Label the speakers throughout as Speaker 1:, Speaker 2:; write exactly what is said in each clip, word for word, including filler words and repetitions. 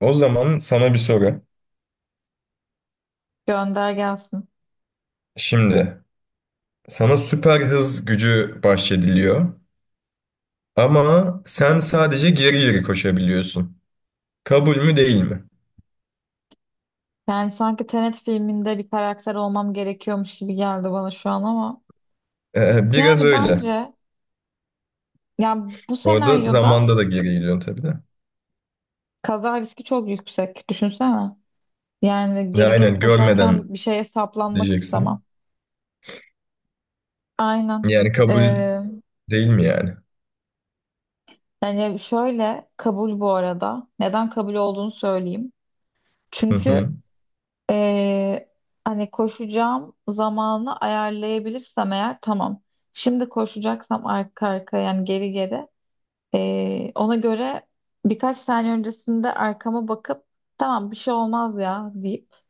Speaker 1: O zaman sana bir soru.
Speaker 2: Gönder gelsin.
Speaker 1: Şimdi sana süper hız gücü bahşediliyor ama sen sadece geri geri koşabiliyorsun. Kabul mü değil mi?
Speaker 2: Yani sanki Tenet filminde bir karakter olmam gerekiyormuş gibi geldi bana şu an ama.
Speaker 1: Ee, biraz
Speaker 2: Yani
Speaker 1: öyle.
Speaker 2: bence, ya, bu
Speaker 1: Orada
Speaker 2: senaryoda
Speaker 1: zamanda da geri gidiyorsun tabii de.
Speaker 2: kaza riski çok yüksek. Düşünsene. Yani
Speaker 1: Ya,
Speaker 2: geri geri
Speaker 1: aynen görmeden
Speaker 2: koşarken bir şeye saplanmak
Speaker 1: diyeceksin.
Speaker 2: istemem. Aynen.
Speaker 1: Yani kabul
Speaker 2: Ee,
Speaker 1: değil mi yani?
Speaker 2: yani şöyle kabul bu arada. Neden kabul olduğunu söyleyeyim.
Speaker 1: Hı hı.
Speaker 2: Çünkü ee, hani koşacağım zamanı ayarlayabilirsem eğer tamam. Şimdi koşacaksam arka arkaya, yani geri geri. Ee, ona göre birkaç saniye öncesinde arkama bakıp tamam bir şey olmaz ya deyip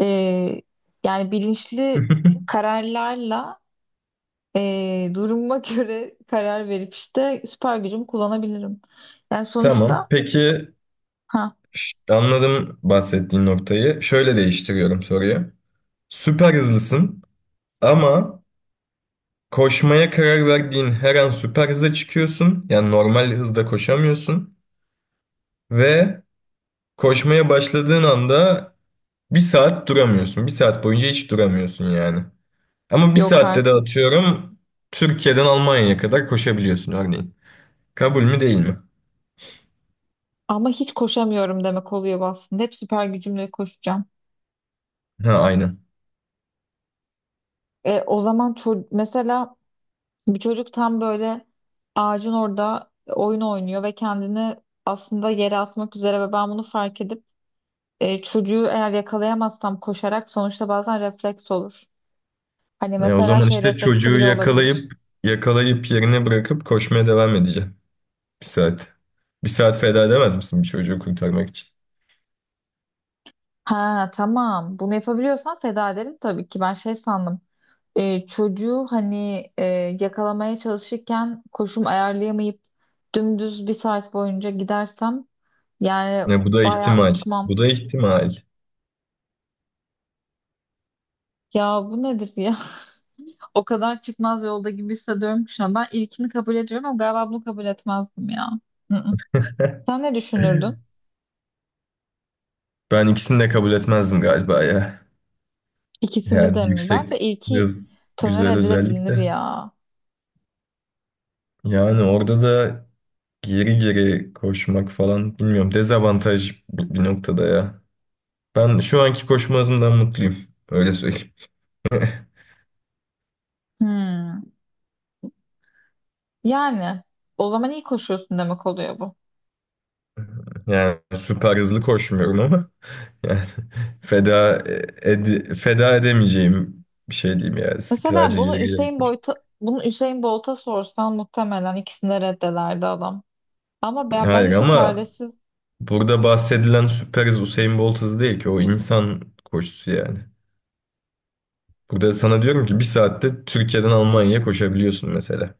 Speaker 2: ee, yani bilinçli kararlarla, ee, duruma göre karar verip işte süper gücümü kullanabilirim. Yani
Speaker 1: Tamam.
Speaker 2: sonuçta,
Speaker 1: Peki
Speaker 2: ha,
Speaker 1: ş- anladım bahsettiğin noktayı. Şöyle değiştiriyorum soruyu. Süper hızlısın ama koşmaya karar verdiğin her an süper hıza çıkıyorsun. Yani normal hızda koşamıyorsun. Ve koşmaya başladığın anda bir saat duramıyorsun. Bir saat boyunca hiç duramıyorsun yani. Ama bir
Speaker 2: yok
Speaker 1: saatte de
Speaker 2: artık.
Speaker 1: atıyorum Türkiye'den Almanya'ya kadar koşabiliyorsun örneğin. Kabul mü değil mi?
Speaker 2: Ama hiç koşamıyorum demek oluyor bu aslında. Hep süper gücümle koşacağım.
Speaker 1: Ha, aynen.
Speaker 2: E, o zaman ço- mesela bir çocuk tam böyle ağacın orada oyun oynuyor ve kendini aslında yere atmak üzere ve ben bunu fark edip e, çocuğu eğer yakalayamazsam koşarak sonuçta bazen refleks olur. Hani
Speaker 1: E, o
Speaker 2: mesela
Speaker 1: zaman
Speaker 2: şey
Speaker 1: işte
Speaker 2: refleksi
Speaker 1: çocuğu
Speaker 2: bile olabilir.
Speaker 1: yakalayıp yakalayıp yerine bırakıp koşmaya devam edeceğim. Bir saat. Bir saat feda edemez misin bir çocuğu kurtarmak için?
Speaker 2: Ha, tamam, bunu yapabiliyorsan feda ederim tabii ki. Ben şey sandım. E, çocuğu hani, e, yakalamaya çalışırken koşum ayarlayamayıp dümdüz bir saat boyunca gidersem yani
Speaker 1: Ne, bu da
Speaker 2: bayağı
Speaker 1: ihtimal.
Speaker 2: unutmam.
Speaker 1: Bu da ihtimal.
Speaker 2: Ya bu nedir ya? O kadar çıkmaz yolda gibi hissediyorum ki şu an. Ben ilkini kabul ediyorum ama galiba bunu kabul etmezdim ya. Hı-hı. Sen ne düşünürdün?
Speaker 1: Ben ikisini de kabul etmezdim galiba ya.
Speaker 2: İkisini de
Speaker 1: Yani
Speaker 2: mi?
Speaker 1: yüksek
Speaker 2: Bence ilki
Speaker 1: hız
Speaker 2: tolere
Speaker 1: güzel özellik
Speaker 2: edilebilir
Speaker 1: de.
Speaker 2: ya.
Speaker 1: Yani orada da geri geri koşmak falan bilmiyorum. Dezavantaj bir bir noktada ya. Ben şu anki koşma hızımdan mutluyum. Öyle söyleyeyim.
Speaker 2: Hmm. Yani o zaman iyi koşuyorsun demek oluyor bu.
Speaker 1: Yani süper hızlı koşmuyorum ama yani feda ed- feda edemeyeceğim bir şey diyeyim yani.
Speaker 2: Mesela
Speaker 1: Sadece geri
Speaker 2: bunu
Speaker 1: geri
Speaker 2: Hüseyin
Speaker 1: koş.
Speaker 2: Bolt'a bunu Hüseyin Bolt'a sorsan muhtemelen ikisini de reddederdi adam. Ama ben, ben
Speaker 1: Hayır
Speaker 2: işte
Speaker 1: ama
Speaker 2: çaresiz.
Speaker 1: burada bahsedilen süper hız Usain Bolt hızı değil ki. O insan koşusu yani. Burada sana diyorum ki bir saatte Türkiye'den Almanya'ya koşabiliyorsun mesela.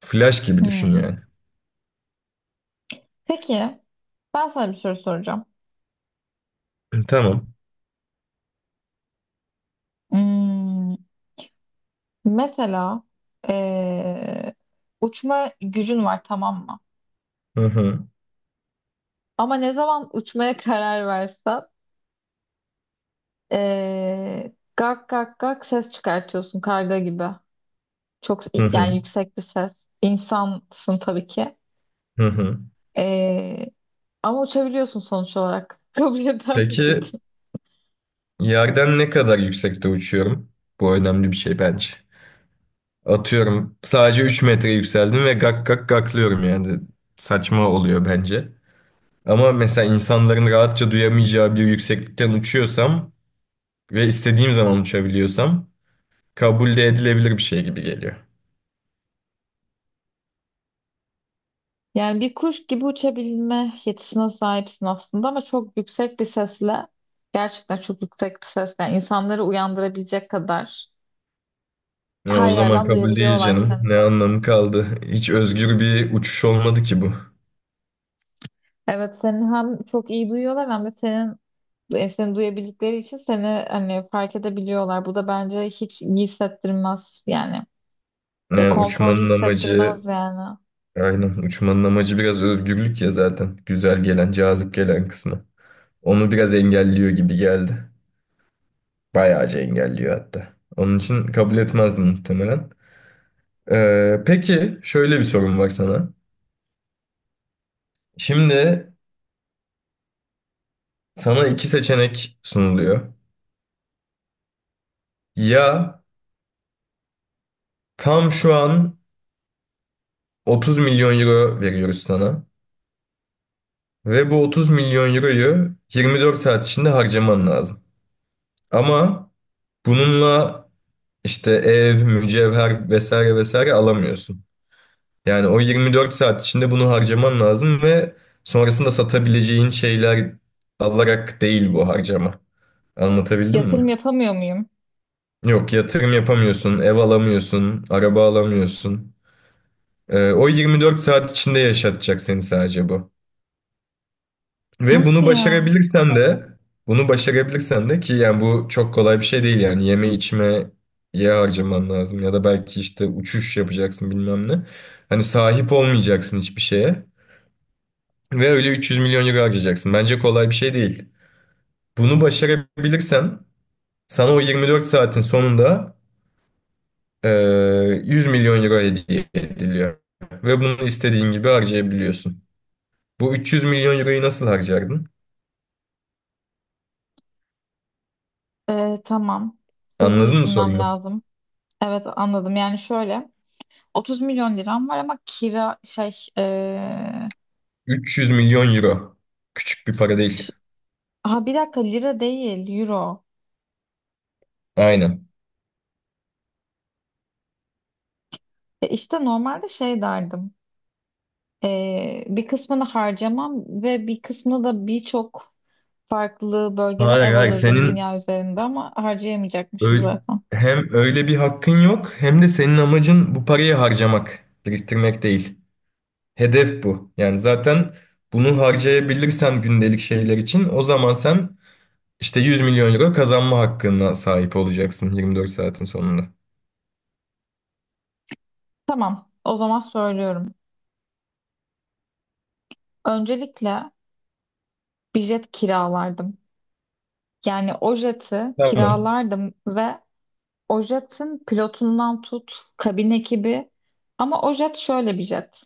Speaker 1: Flash gibi düşün
Speaker 2: Hmm.
Speaker 1: yani.
Speaker 2: Peki ben sana bir soru soracağım.
Speaker 1: Tamam.
Speaker 2: Hmm. Mesela eee, uçma gücün var tamam mı?
Speaker 1: Hı hı,
Speaker 2: Ama ne zaman uçmaya karar versen eee gak gak gak ses çıkartıyorsun karga gibi. Çok,
Speaker 1: hı hı,
Speaker 2: yani yüksek bir ses. İnsansın tabii ki.
Speaker 1: hı hı.
Speaker 2: Eee, Ama uçabiliyorsun sonuç olarak. Kabul eder
Speaker 1: Peki
Speaker 2: miydin?
Speaker 1: yerden ne kadar yüksekte uçuyorum? Bu önemli bir şey bence. Atıyorum sadece üç metre yükseldim ve gak gak gaklıyorum yani. Saçma oluyor bence. Ama mesela insanların rahatça duyamayacağı bir yükseklikten uçuyorsam ve istediğim zaman uçabiliyorsam kabul de edilebilir bir şey gibi geliyor.
Speaker 2: Yani bir kuş gibi uçabilme yetisine sahipsin aslında ama çok yüksek bir sesle, gerçekten çok yüksek bir sesle, yani insanları uyandırabilecek kadar
Speaker 1: Ya o
Speaker 2: her
Speaker 1: zaman
Speaker 2: yerden
Speaker 1: kabul değil
Speaker 2: duyabiliyorlar
Speaker 1: canım.
Speaker 2: seni.
Speaker 1: Ne anlamı kaldı? Hiç özgür bir uçuş olmadı ki bu.
Speaker 2: Evet, seni hem çok iyi duyuyorlar hem de senin, e, seni duyabildikleri için seni hani fark edebiliyorlar. Bu da bence hiç iyi hissettirmez yani. E,
Speaker 1: Yani
Speaker 2: konforlu
Speaker 1: uçmanın amacı,
Speaker 2: hissettirmez yani.
Speaker 1: aynen uçmanın amacı biraz özgürlük ya zaten. Güzel gelen, cazip gelen kısmı. Onu biraz engelliyor gibi geldi. Bayağıca engelliyor hatta. Onun için kabul etmezdim muhtemelen. Ee, peki şöyle bir sorum var sana. Şimdi sana iki seçenek sunuluyor. Ya tam şu an otuz milyon euro veriyoruz sana. Ve bu otuz milyon euroyu yirmi dört saat içinde harcaman lazım. Ama bununla işte ev, mücevher vesaire vesaire alamıyorsun. Yani o yirmi dört saat içinde bunu harcaman lazım ve sonrasında satabileceğin şeyler alarak değil bu harcama. Anlatabildim mi?
Speaker 2: Yatırım yapamıyor muyum?
Speaker 1: Yok, yatırım yapamıyorsun, ev alamıyorsun, araba alamıyorsun. Ee, o yirmi dört saat içinde yaşatacak seni sadece bu. Ve
Speaker 2: Nasıl
Speaker 1: bunu
Speaker 2: ya?
Speaker 1: başarabilirsen de bunu başarabilirsen de ki yani bu çok kolay bir şey değil yani yeme içmeye harcaman lazım ya da belki işte uçuş yapacaksın bilmem ne. Hani sahip olmayacaksın hiçbir şeye ve öyle üç yüz milyon euro harcayacaksın. Bence kolay bir şey değil. Bunu başarabilirsen sana o yirmi dört saatin sonunda eee, yüz milyon euro hediye ediliyor ve bunu istediğin gibi harcayabiliyorsun. Bu üç yüz milyon euroyu nasıl harcardın?
Speaker 2: E, tamam. Hızlı
Speaker 1: Anladın mı
Speaker 2: düşünmem
Speaker 1: sorumu?
Speaker 2: lazım. Evet, anladım. Yani şöyle, otuz milyon liram var ama kira şey, e,
Speaker 1: üç yüz milyon euro. Küçük bir para değil.
Speaker 2: ş- ha, bir dakika, lira değil, euro.
Speaker 1: Aynen.
Speaker 2: E, işte normalde şey derdim. Ee, bir kısmını harcamam ve bir kısmını da birçok farklı bölgeden ev
Speaker 1: Hayır hayır
Speaker 2: alırdım
Speaker 1: senin
Speaker 2: dünya üzerinde
Speaker 1: s-
Speaker 2: ama harcayamayacakmışım
Speaker 1: ö-
Speaker 2: zaten.
Speaker 1: hem öyle bir hakkın yok hem de senin amacın bu parayı harcamak, biriktirmek değil. Hedef bu. Yani zaten bunu harcayabilirsen gündelik şeyler için o zaman sen işte yüz milyon euro kazanma hakkına sahip olacaksın yirmi dört saatin sonunda.
Speaker 2: Tamam, o zaman söylüyorum. Öncelikle bir jet kiralardım. Yani o jeti
Speaker 1: Tamam.
Speaker 2: kiralardım ve o jetin pilotundan tut, kabin ekibi. Ama o jet şöyle bir jet.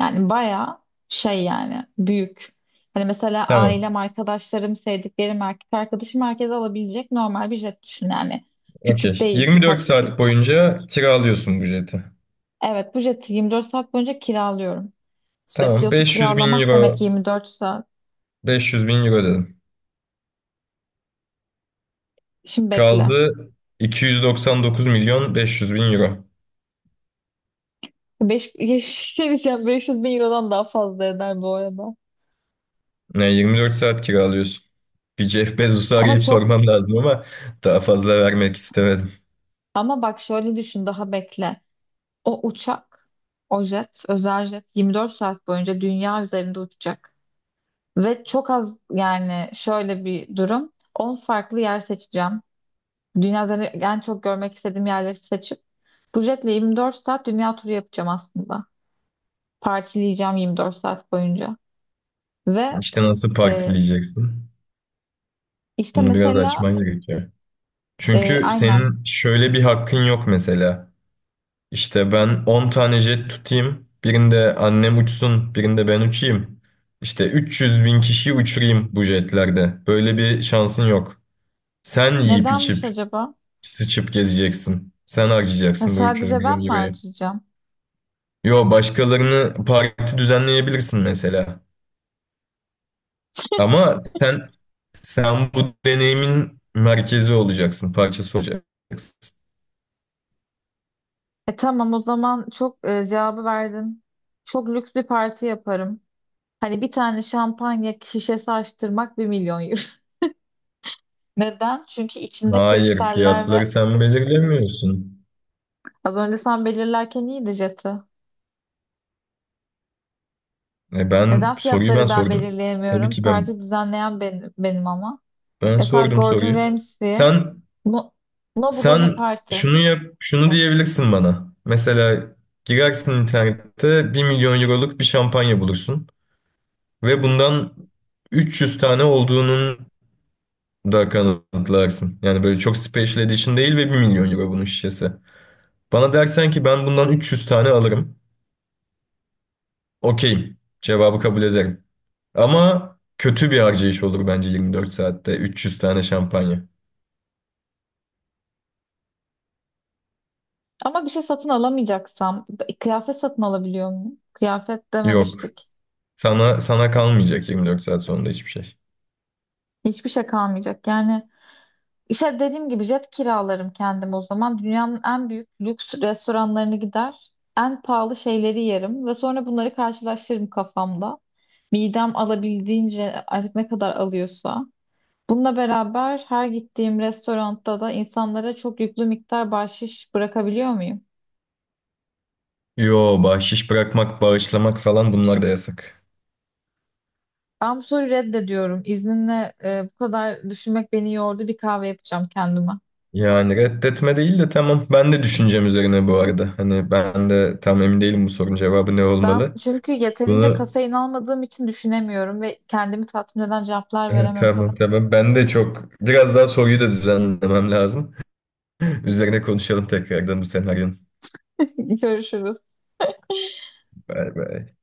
Speaker 2: Yani bayağı şey, yani büyük. Hani mesela
Speaker 1: Tamam.
Speaker 2: ailem, arkadaşlarım, sevdiklerim, erkek arkadaşım, herkes alabilecek normal bir jet düşün yani. Küçük
Speaker 1: Okey.
Speaker 2: değil,
Speaker 1: yirmi dört
Speaker 2: birkaç
Speaker 1: saat
Speaker 2: kişilik.
Speaker 1: boyunca kiralıyorsun bu jeti.
Speaker 2: Evet, bu jeti yirmi dört saat boyunca kiralıyorum. İşte
Speaker 1: Tamam.
Speaker 2: pilotu
Speaker 1: beş yüz bin
Speaker 2: kiralamak
Speaker 1: euro.
Speaker 2: demek yirmi dört saat.
Speaker 1: beş yüz bin euro dedim.
Speaker 2: Şimdi bekle.
Speaker 1: Kaldı iki yüz doksan dokuz milyon beş yüz bin euro.
Speaker 2: beş, şey diyeceğim, beş yüz bin eurodan daha fazla eder bu arada.
Speaker 1: Yani yirmi dört saat kiralıyorsun. Bir Jeff Bezos'u
Speaker 2: Ama
Speaker 1: arayıp
Speaker 2: çok
Speaker 1: sormam lazım ama daha fazla vermek istemedim.
Speaker 2: ama bak, şöyle düşün, daha bekle. O uçak, o jet, özel jet, yirmi dört saat boyunca dünya üzerinde uçacak. Ve çok az, yani şöyle bir durum: on farklı yer seçeceğim. Dünya üzerinde en çok görmek istediğim yerleri seçip bu jetle yirmi dört saat dünya turu yapacağım aslında. Partileyeceğim yirmi dört saat boyunca. Ve
Speaker 1: İşte nasıl
Speaker 2: e,
Speaker 1: partileyeceksin?
Speaker 2: işte
Speaker 1: Bunu biraz
Speaker 2: mesela,
Speaker 1: açman gerekiyor.
Speaker 2: e,
Speaker 1: Çünkü
Speaker 2: aynen,
Speaker 1: senin şöyle bir hakkın yok mesela. İşte ben on tane jet tutayım. Birinde annem uçsun, birinde ben uçayım. İşte üç yüz bin kişiyi uçurayım bu jetlerde. Böyle bir şansın yok. Sen yiyip
Speaker 2: nedenmiş
Speaker 1: içip
Speaker 2: acaba?
Speaker 1: sıçıp gezeceksin. Sen
Speaker 2: E,
Speaker 1: harcayacaksın bu üç yüz
Speaker 2: sadece ben
Speaker 1: milyon
Speaker 2: mi
Speaker 1: euroyu.
Speaker 2: harcayacağım?
Speaker 1: Yo, başkalarını parti düzenleyebilirsin mesela. Ama sen sen bu deneyimin merkezi olacaksın, parçası olacaksın.
Speaker 2: E tamam, o zaman çok, e, cevabı verdin. Çok lüks bir parti yaparım. Hani bir tane şampanya şişesi açtırmak bir milyon euro. Neden? Çünkü içinde
Speaker 1: Hayır,
Speaker 2: kristaller
Speaker 1: fiyatları
Speaker 2: ve
Speaker 1: sen belirlemiyorsun.
Speaker 2: az önce sen belirlerken iyiydi jeti.
Speaker 1: E ben
Speaker 2: Neden
Speaker 1: soruyu ben
Speaker 2: fiyatları ben
Speaker 1: sordum. Tabii
Speaker 2: belirleyemiyorum?
Speaker 1: ki ben
Speaker 2: Parti düzenleyen benim, benim ama.
Speaker 1: ben
Speaker 2: Mesela
Speaker 1: sordum
Speaker 2: Gordon
Speaker 1: soruyu.
Speaker 2: Ramsay,
Speaker 1: Sen
Speaker 2: bu, no, bu da bir
Speaker 1: sen
Speaker 2: parti.
Speaker 1: şunu yap, şunu diyebilirsin bana. Mesela girersin internette bir milyon euroluk bir şampanya bulursun. Ve bundan üç yüz tane olduğunun da kanıtlarsın. Yani böyle çok special edition değil ve bir milyon euro bunun şişesi. Bana dersen ki ben bundan üç yüz tane alırım. Okeyim. Cevabı kabul ederim. Ama kötü bir harcayış olur bence yirmi dört saatte üç yüz tane şampanya.
Speaker 2: Ama bir şey satın alamayacaksam, kıyafet satın alabiliyor muyum? Kıyafet
Speaker 1: Yok.
Speaker 2: dememiştik.
Speaker 1: Sana sana kalmayacak yirmi dört saat sonunda hiçbir şey.
Speaker 2: Hiçbir şey kalmayacak. Yani işte dediğim gibi jet kiralarım kendim o zaman. Dünyanın en büyük lüks restoranlarına gider. En pahalı şeyleri yerim ve sonra bunları karşılaştırırım kafamda. Midem alabildiğince, artık ne kadar alıyorsa. Bununla beraber her gittiğim restoranda da insanlara çok yüklü miktar bahşiş bırakabiliyor muyum?
Speaker 1: Yo, bahşiş bırakmak, bağışlamak falan bunlar da yasak.
Speaker 2: Ben bu soruyu reddediyorum. İzninle, e, bu kadar düşünmek beni yordu. Bir kahve yapacağım kendime.
Speaker 1: Yani reddetme değil de tamam. Ben de düşüncem üzerine bu arada. Hani ben de tam emin değilim bu sorunun cevabı ne
Speaker 2: Ben
Speaker 1: olmalı.
Speaker 2: çünkü yeterince
Speaker 1: Bunu
Speaker 2: kafein almadığım için düşünemiyorum ve kendimi tatmin eden cevaplar veremedim.
Speaker 1: tamam, tamam. Ben de çok biraz daha soruyu da düzenlemem lazım. Üzerine konuşalım tekrardan bu senaryonun.
Speaker 2: Görüşürüz.
Speaker 1: Bay bay.